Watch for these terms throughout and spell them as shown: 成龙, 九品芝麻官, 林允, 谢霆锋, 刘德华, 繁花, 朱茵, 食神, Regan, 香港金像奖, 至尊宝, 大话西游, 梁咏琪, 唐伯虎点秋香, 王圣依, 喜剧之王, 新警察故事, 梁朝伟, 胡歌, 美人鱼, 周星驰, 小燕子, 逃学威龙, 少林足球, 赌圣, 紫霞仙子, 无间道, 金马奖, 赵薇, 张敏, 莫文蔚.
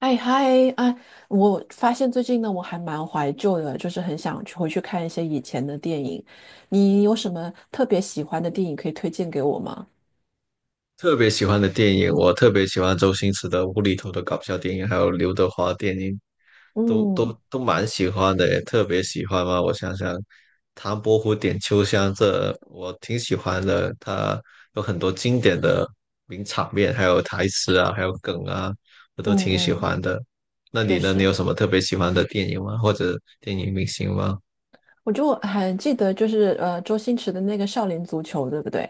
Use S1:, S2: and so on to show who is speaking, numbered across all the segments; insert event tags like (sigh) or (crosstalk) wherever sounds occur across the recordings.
S1: 哎嗨啊！我发现最近呢，我还蛮怀旧的，就是很想去回去看一些以前的电影。你有什么特别喜欢的电影可以推荐给我吗？
S2: 特别喜欢的电影，我特别喜欢周星驰的无厘头的搞笑电影，还有刘德华电影，都
S1: 嗯
S2: 都都蛮喜欢的，特别喜欢嘛。我想想，《唐伯虎点秋香》这我挺喜欢的，它有很多经典的名场面，还有台词啊，还有梗啊，我
S1: 嗯
S2: 都挺喜
S1: 嗯，
S2: 欢的。那
S1: 确
S2: 你呢？你
S1: 实，
S2: 有什么特别喜欢的电影吗？或者电影明星吗？
S1: 我就还记得就是周星驰的那个《少林足球》，对不对？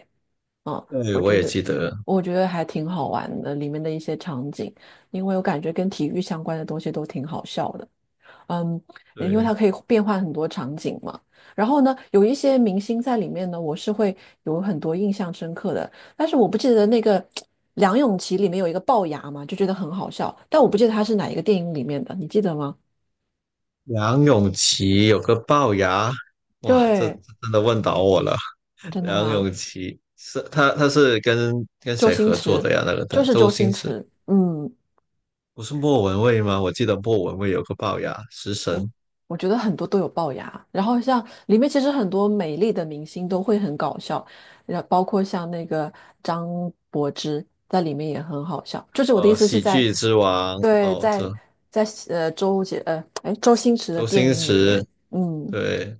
S1: 嗯，
S2: 对，
S1: 我
S2: 我
S1: 觉
S2: 也
S1: 得
S2: 记得，
S1: 我觉得还挺好玩的，里面的一些场景，因为我感觉跟体育相关的东西都挺好笑的。嗯，因为它
S2: 对。
S1: 可以变换很多场景嘛。然后呢，有一些明星在里面呢，我是会有很多印象深刻的。但是我不记得那个 (tsk) 梁咏琪里面有一个龅牙嘛，就觉得很好笑。但我不记得他是哪一个电影里面的，你记得吗？
S2: 梁咏琪有个龅牙，哇，这
S1: 对，
S2: 真的问倒我了。(laughs)
S1: 真的
S2: 梁
S1: 吗？
S2: 咏琪是他是跟
S1: 周
S2: 谁
S1: 星
S2: 合作
S1: 驰，
S2: 的呀？那个
S1: 就
S2: 的
S1: 是
S2: 周
S1: 周星
S2: 星驰
S1: 驰。嗯，
S2: 不是莫文蔚吗？我记得莫文蔚有个龅牙，食
S1: 我
S2: 神，
S1: 我觉得很多都有龅牙，然后像里面其实很多美丽的明星都会很搞笑，然后包括像那个张柏芝在里面也很好笑。就是我的意思是
S2: 喜
S1: 在，
S2: 剧之王。
S1: 对，
S2: 哦，
S1: 在
S2: 这
S1: 在呃周杰呃哎周星驰的
S2: 周
S1: 电
S2: 星
S1: 影里
S2: 驰，
S1: 面，嗯。
S2: 对。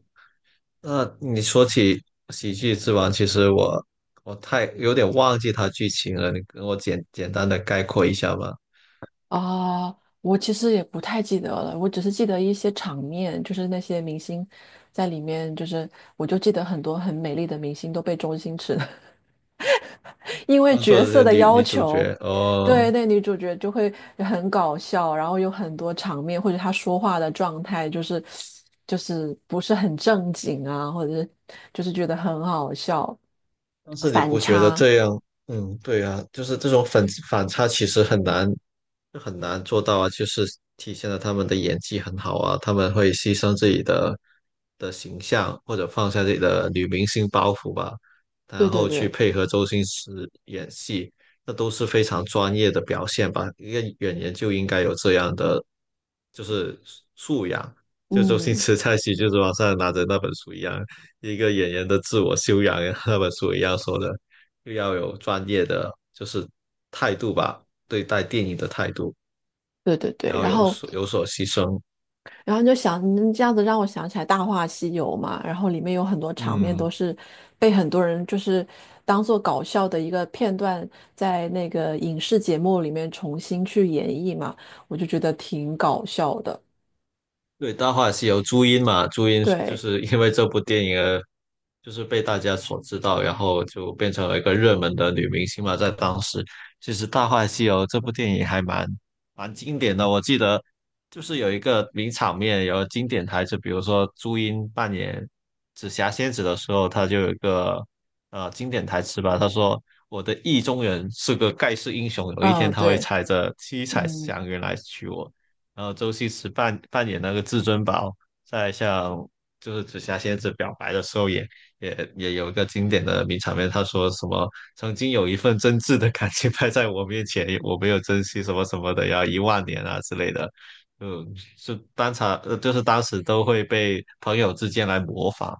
S2: 那你说起喜剧之王，其实我太有点忘记他剧情了，你跟我简简单的概括一下吧。
S1: 啊，我其实也不太记得了，我只是记得一些场面，就是那些明星在里面，就是我就记得很多很美丽的明星都被周星驰 (laughs) 因为
S2: 当
S1: 角
S2: 做
S1: 色
S2: 这
S1: 的
S2: 女
S1: 要
S2: 女主
S1: 求，
S2: 角哦。
S1: 对，那女主角就会很搞笑，然后有很多场面或者她说话的状态就是不是很正经啊，或者是就是觉得很好笑，
S2: 但是你
S1: 反
S2: 不觉得
S1: 差，
S2: 这样？嗯，对啊，就是这种反差其实很难，这很难做到啊，就是体现了他们的演技很好啊，他们会牺牲自己的形象，或者放下自己的女明星包袱吧，
S1: 对
S2: 然
S1: 对
S2: 后去
S1: 对，
S2: 配合周星驰演戏，那都是非常专业的表现吧。一个演员就应该有这样的就是素养，就周星
S1: 嗯，
S2: 驰在喜就是王上拿着那本书一样，一个演员的自我修养那本书一样说的，又要有专业的就是态度吧。对待电影的态度，
S1: 对对对，
S2: 然后
S1: 然
S2: 有
S1: 后。
S2: 所有所牺牲。
S1: 然后你就想，你这样子让我想起来《大话西游》嘛，然后里面有很多场面都
S2: 嗯，
S1: 是被很多人就是当做搞笑的一个片段，在那个影视节目里面重新去演绎嘛，我就觉得挺搞笑的。
S2: 对，《大话西游》朱茵嘛，朱茵就
S1: 对，
S2: 是因为这部电影而就是被大家所知道，然后就变成了一个热门的女明星嘛。在当时，其实《大话西游》这部电影还蛮经典的。我记得就是有一个名场面，有经典台词，比如说朱茵扮演紫霞仙子的时候，她就有一个经典台词吧，她说：“我的意中人是个盖世英雄，有一天
S1: 嗯，
S2: 他会
S1: 对，
S2: 踩着七彩
S1: 嗯，
S2: 祥云来娶我。”然后周星驰扮演那个至尊宝，在向就是紫霞仙子表白的时候也有一个经典的名场面，他说什么“曾经有一份真挚的感情摆在我面前，我没有珍惜什么什么的，要一万年啊之类的”，嗯，是当场就是当时都会被朋友之间来模仿，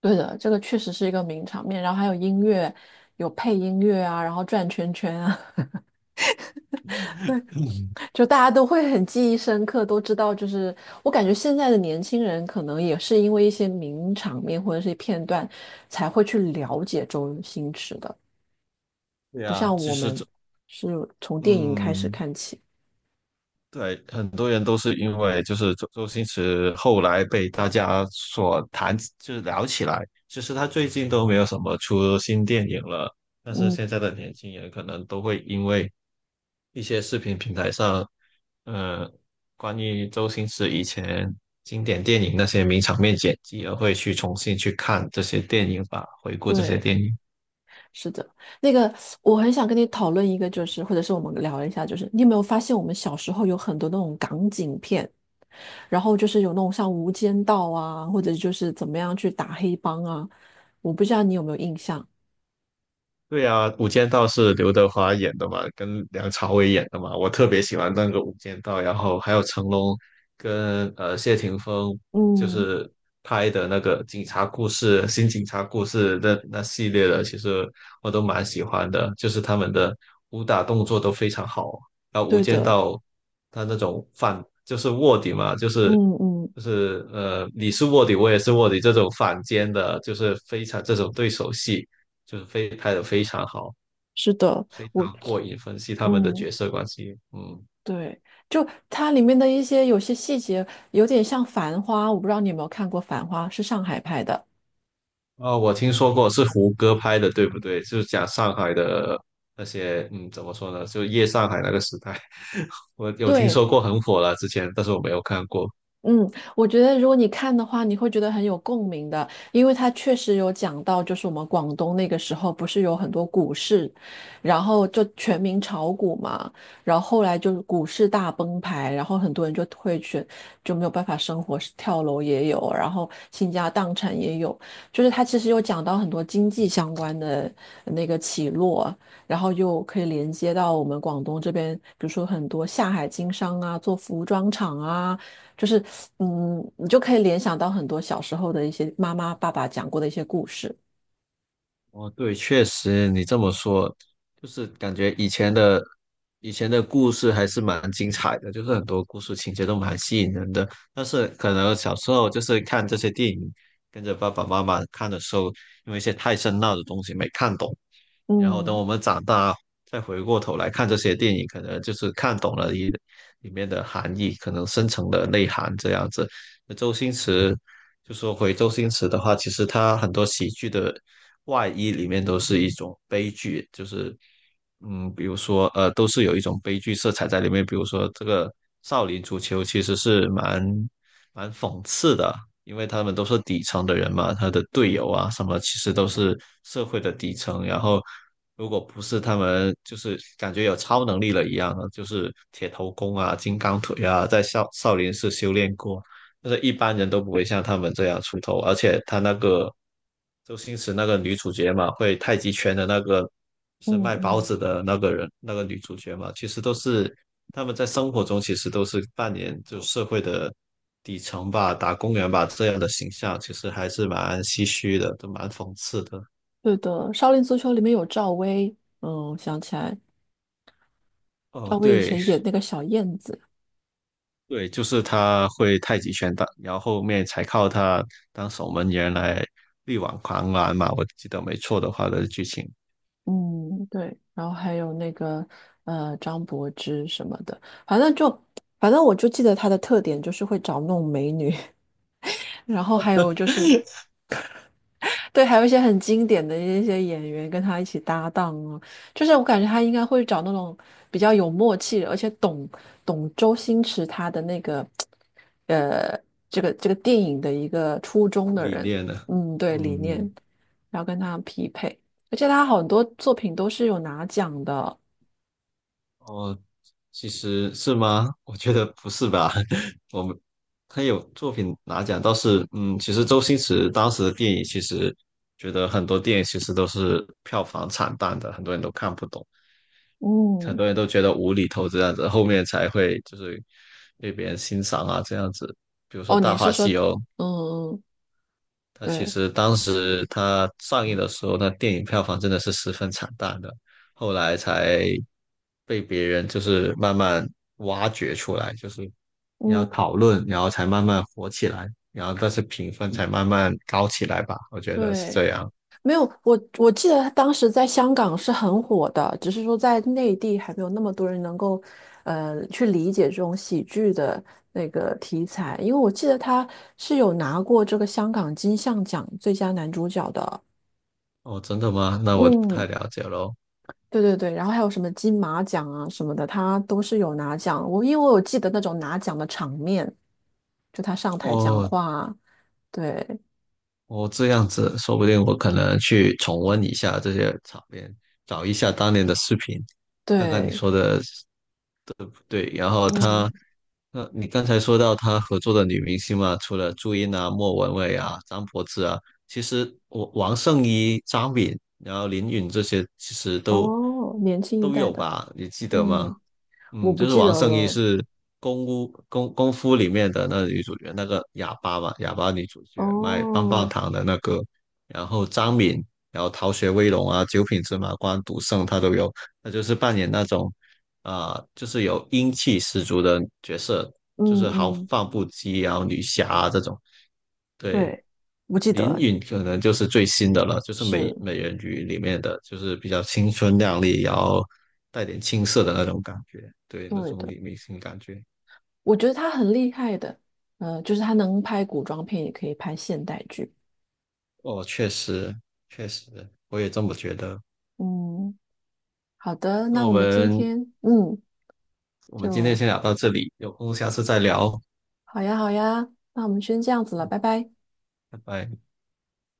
S1: 对的，这个确实是一个名场面。然后还有音乐，有配音乐啊，然后转圈圈啊。就大家都会很记忆深刻，都知道。就是我感觉现在的年轻人可能也是因为一些名场面或者是片段，才会去了解周星驰的，
S2: 对
S1: 不
S2: 啊，
S1: 像
S2: 就
S1: 我
S2: 是
S1: 们
S2: 这
S1: 是从电影开始
S2: 嗯，
S1: 看起。
S2: 对，很多人都是因为就是周星驰后来被大家所谈，就是聊起来。其实他最近都没有什么出新电影了，但是
S1: 嗯，
S2: 现在的年轻人可能都会因为一些视频平台上，呃，关于周星驰以前经典电影那些名场面剪辑，而会去重新去看这些电影吧，回顾这些
S1: 对，
S2: 电影。
S1: 是的。那个，我很想跟你讨论一个，就是或者是我们聊一下，就是你有没有发现我们小时候有很多那种港警片，然后就是有那种像《无间道》啊，或者就是怎么样去打黑帮啊，我不知道你有没有印象。
S2: 对啊，《无间道》是刘德华演的嘛，跟梁朝伟演的嘛，我特别喜欢那个《无间道》，然后还有成龙跟谢霆锋就
S1: 嗯，
S2: 是拍的那个警察故事、新警察故事那系列的，其实我都蛮喜欢的，就是他们的武打动作都非常好。然后《无
S1: 对
S2: 间
S1: 的，
S2: 道》他那种反就是卧底嘛，就是
S1: 嗯嗯，
S2: 就是你是卧底，我也是卧底这种反间的，就是非常这种对手戏。就是非拍的非常好，
S1: 是的，
S2: 非
S1: 我，
S2: 常过瘾，分析他们的
S1: 嗯，
S2: 角色关系。嗯，
S1: 对，就它里面的一些有些细节有点像《繁花》，我不知道你有没有看过《繁花》，是上海拍的。
S2: 哦，我听说过是胡歌拍的，对不对？就是讲上海的那些，嗯，怎么说呢？就夜上海那个时代，(laughs) 我有听
S1: 对，
S2: 说过很火了之前，但是我没有看过。
S1: 嗯，我觉得如果你看的话，你会觉得很有共鸣的，因为它确实有讲到，就是我们广东那个时候不是有很多股市，然后就全民炒股嘛，然后后来就是股市大崩盘，然后很多人就退选，就没有办法生活，跳楼也有，然后倾家荡产也有，就是他其实有讲到很多经济相关的那个起落，然后又可以连接到我们广东这边，比如说很多下海经商啊，做服装厂啊。就是嗯，你就可以联想到很多小时候的一些妈妈、爸爸讲过的一些故事。
S2: 哦，对，确实你这么说，就是感觉以前的故事还是蛮精彩的，就是很多故事情节都蛮吸引人的。但是可能小时候就是看这些电影，跟着爸爸妈妈看的时候，因为一些太深奥的东西没看懂，然后等
S1: 嗯
S2: 我们长大再回过头来看这些电影，可能就是看懂了里面的含义，可能深层的内涵这样子。那周星驰。就说回周星驰的话，其实他很多喜剧的外衣里面都是一种悲剧，就是嗯，比如说都是有一种悲剧色彩在里面。比如说这个《少林足球》其实是蛮讽刺的，因为他们都是底层的人嘛，他的队友啊什么，其实都是社会的底层。然后如果不是他们，就是感觉有超能力了一样的，就是铁头功啊、金刚腿啊，在少林寺修炼过。就是一般人都不会像他们这样出头，而且他那个周星驰那个女主角嘛，会太极拳的那个是
S1: 嗯
S2: 卖包
S1: 嗯，
S2: 子的那个人，那个女主角嘛，其实都是他们在生活中其实都是扮演就社会的底层吧、打工人吧这样的形象，其实还是蛮唏嘘的，都蛮讽刺的。
S1: 对的，《少林足球》里面有赵薇，嗯，想起来，
S2: 哦，
S1: 赵薇以
S2: 对
S1: 前演那个小燕子。
S2: 对，就是他会太极拳打，然后后面才靠他当守门员来力挽狂澜嘛，我记得没错的话的剧情。
S1: 嗯，对，然后还有那个张柏芝什么的，反正就反正我就记得她的特点就是会找那种美女，(laughs) 然后还有就是对，还有一些很经典的一些演员跟他一起搭档啊，就是我感觉他应该会找那种比较有默契的而且懂周星驰他的那个呃这个电影的一个初衷的
S2: 理
S1: 人，
S2: 念呢？
S1: 嗯，对，理念，
S2: 嗯，
S1: 然后跟他匹配，而且他很多作品都是有拿奖的，
S2: 哦，其实是吗？(laughs) 我觉得不是吧。(laughs) 我们他有作品拿奖，倒是嗯，其实周星驰当时的电影，其实觉得很多电影其实都是票房惨淡的，很多人都看不懂，很
S1: 嗯，
S2: 多人都觉得无厘头这样子，后面才会就是被别人欣赏啊这样子。比如说
S1: 哦，
S2: 《大
S1: 你是
S2: 话西
S1: 说，
S2: 游》，
S1: 嗯，
S2: 它其
S1: 对
S2: 实当时它上映的时候，那电影票房真的是十分惨淡的，后来才被别人就是慢慢挖掘出来，就是你要
S1: 嗯，
S2: 讨论，然后才慢慢火起来，然后但是评分才慢慢高起来吧，我觉得是
S1: 对，
S2: 这样。
S1: 没有，我记得当时在香港是很火的，只是说在内地还没有那么多人能够，去理解这种喜剧的那个题材。因为我记得他是有拿过这个香港金像奖最佳男主角的，
S2: 哦，真的吗？那我不太
S1: 嗯，
S2: 了解喽。
S1: 对对对，然后还有什么金马奖啊什么的，他都是有拿奖。我因为我有记得那种拿奖的场面，就他上台讲
S2: 哦，
S1: 话，对
S2: 哦，这样子，说不定我可能去重温一下这些场面，找一下当年的视频，看看你
S1: 对，
S2: 说的对，然后
S1: 嗯，
S2: 他，你刚才说到他合作的女明星嘛，除了朱茵啊、莫文蔚啊、张柏芝啊，其实我王圣依、张敏，然后林允这些其实都
S1: 哦，年轻一
S2: 都
S1: 代
S2: 有
S1: 的。
S2: 吧，你记得吗？
S1: 嗯，我
S2: 嗯，
S1: 不
S2: 就是
S1: 记得
S2: 王圣依
S1: 了。
S2: 是功夫里面的那个女主角，那个哑巴嘛，哑巴女主角卖棒棒
S1: 哦，
S2: 糖的那个，然后张敏，然后《逃学威龙》啊，《九品芝麻官》、《赌圣》他都有，她就是扮演那种就是有英气十足的角色，
S1: 嗯
S2: 就是豪
S1: 嗯，
S2: 放不羁啊，然后女侠啊这种。对，
S1: 对，不记得
S2: 林
S1: 了
S2: 允可能就是最新的了，就是美
S1: 是
S2: 美人鱼里面的，就是比较青春靓丽，然后带点青涩的那种感觉，对，那
S1: 对
S2: 种
S1: 的。
S2: 女明星感觉。
S1: 我觉得他很厉害的，就是他能拍古装片，也可以拍现代剧。
S2: 哦，确实，确实，我也这么觉得。
S1: 嗯，好的，
S2: 那
S1: 那
S2: 我
S1: 我们今
S2: 们
S1: 天，嗯，
S2: 我们今天
S1: 就
S2: 先聊到这里，有空下次再聊，
S1: 好呀，好呀，那我们先这样子了，拜拜。
S2: 拜拜。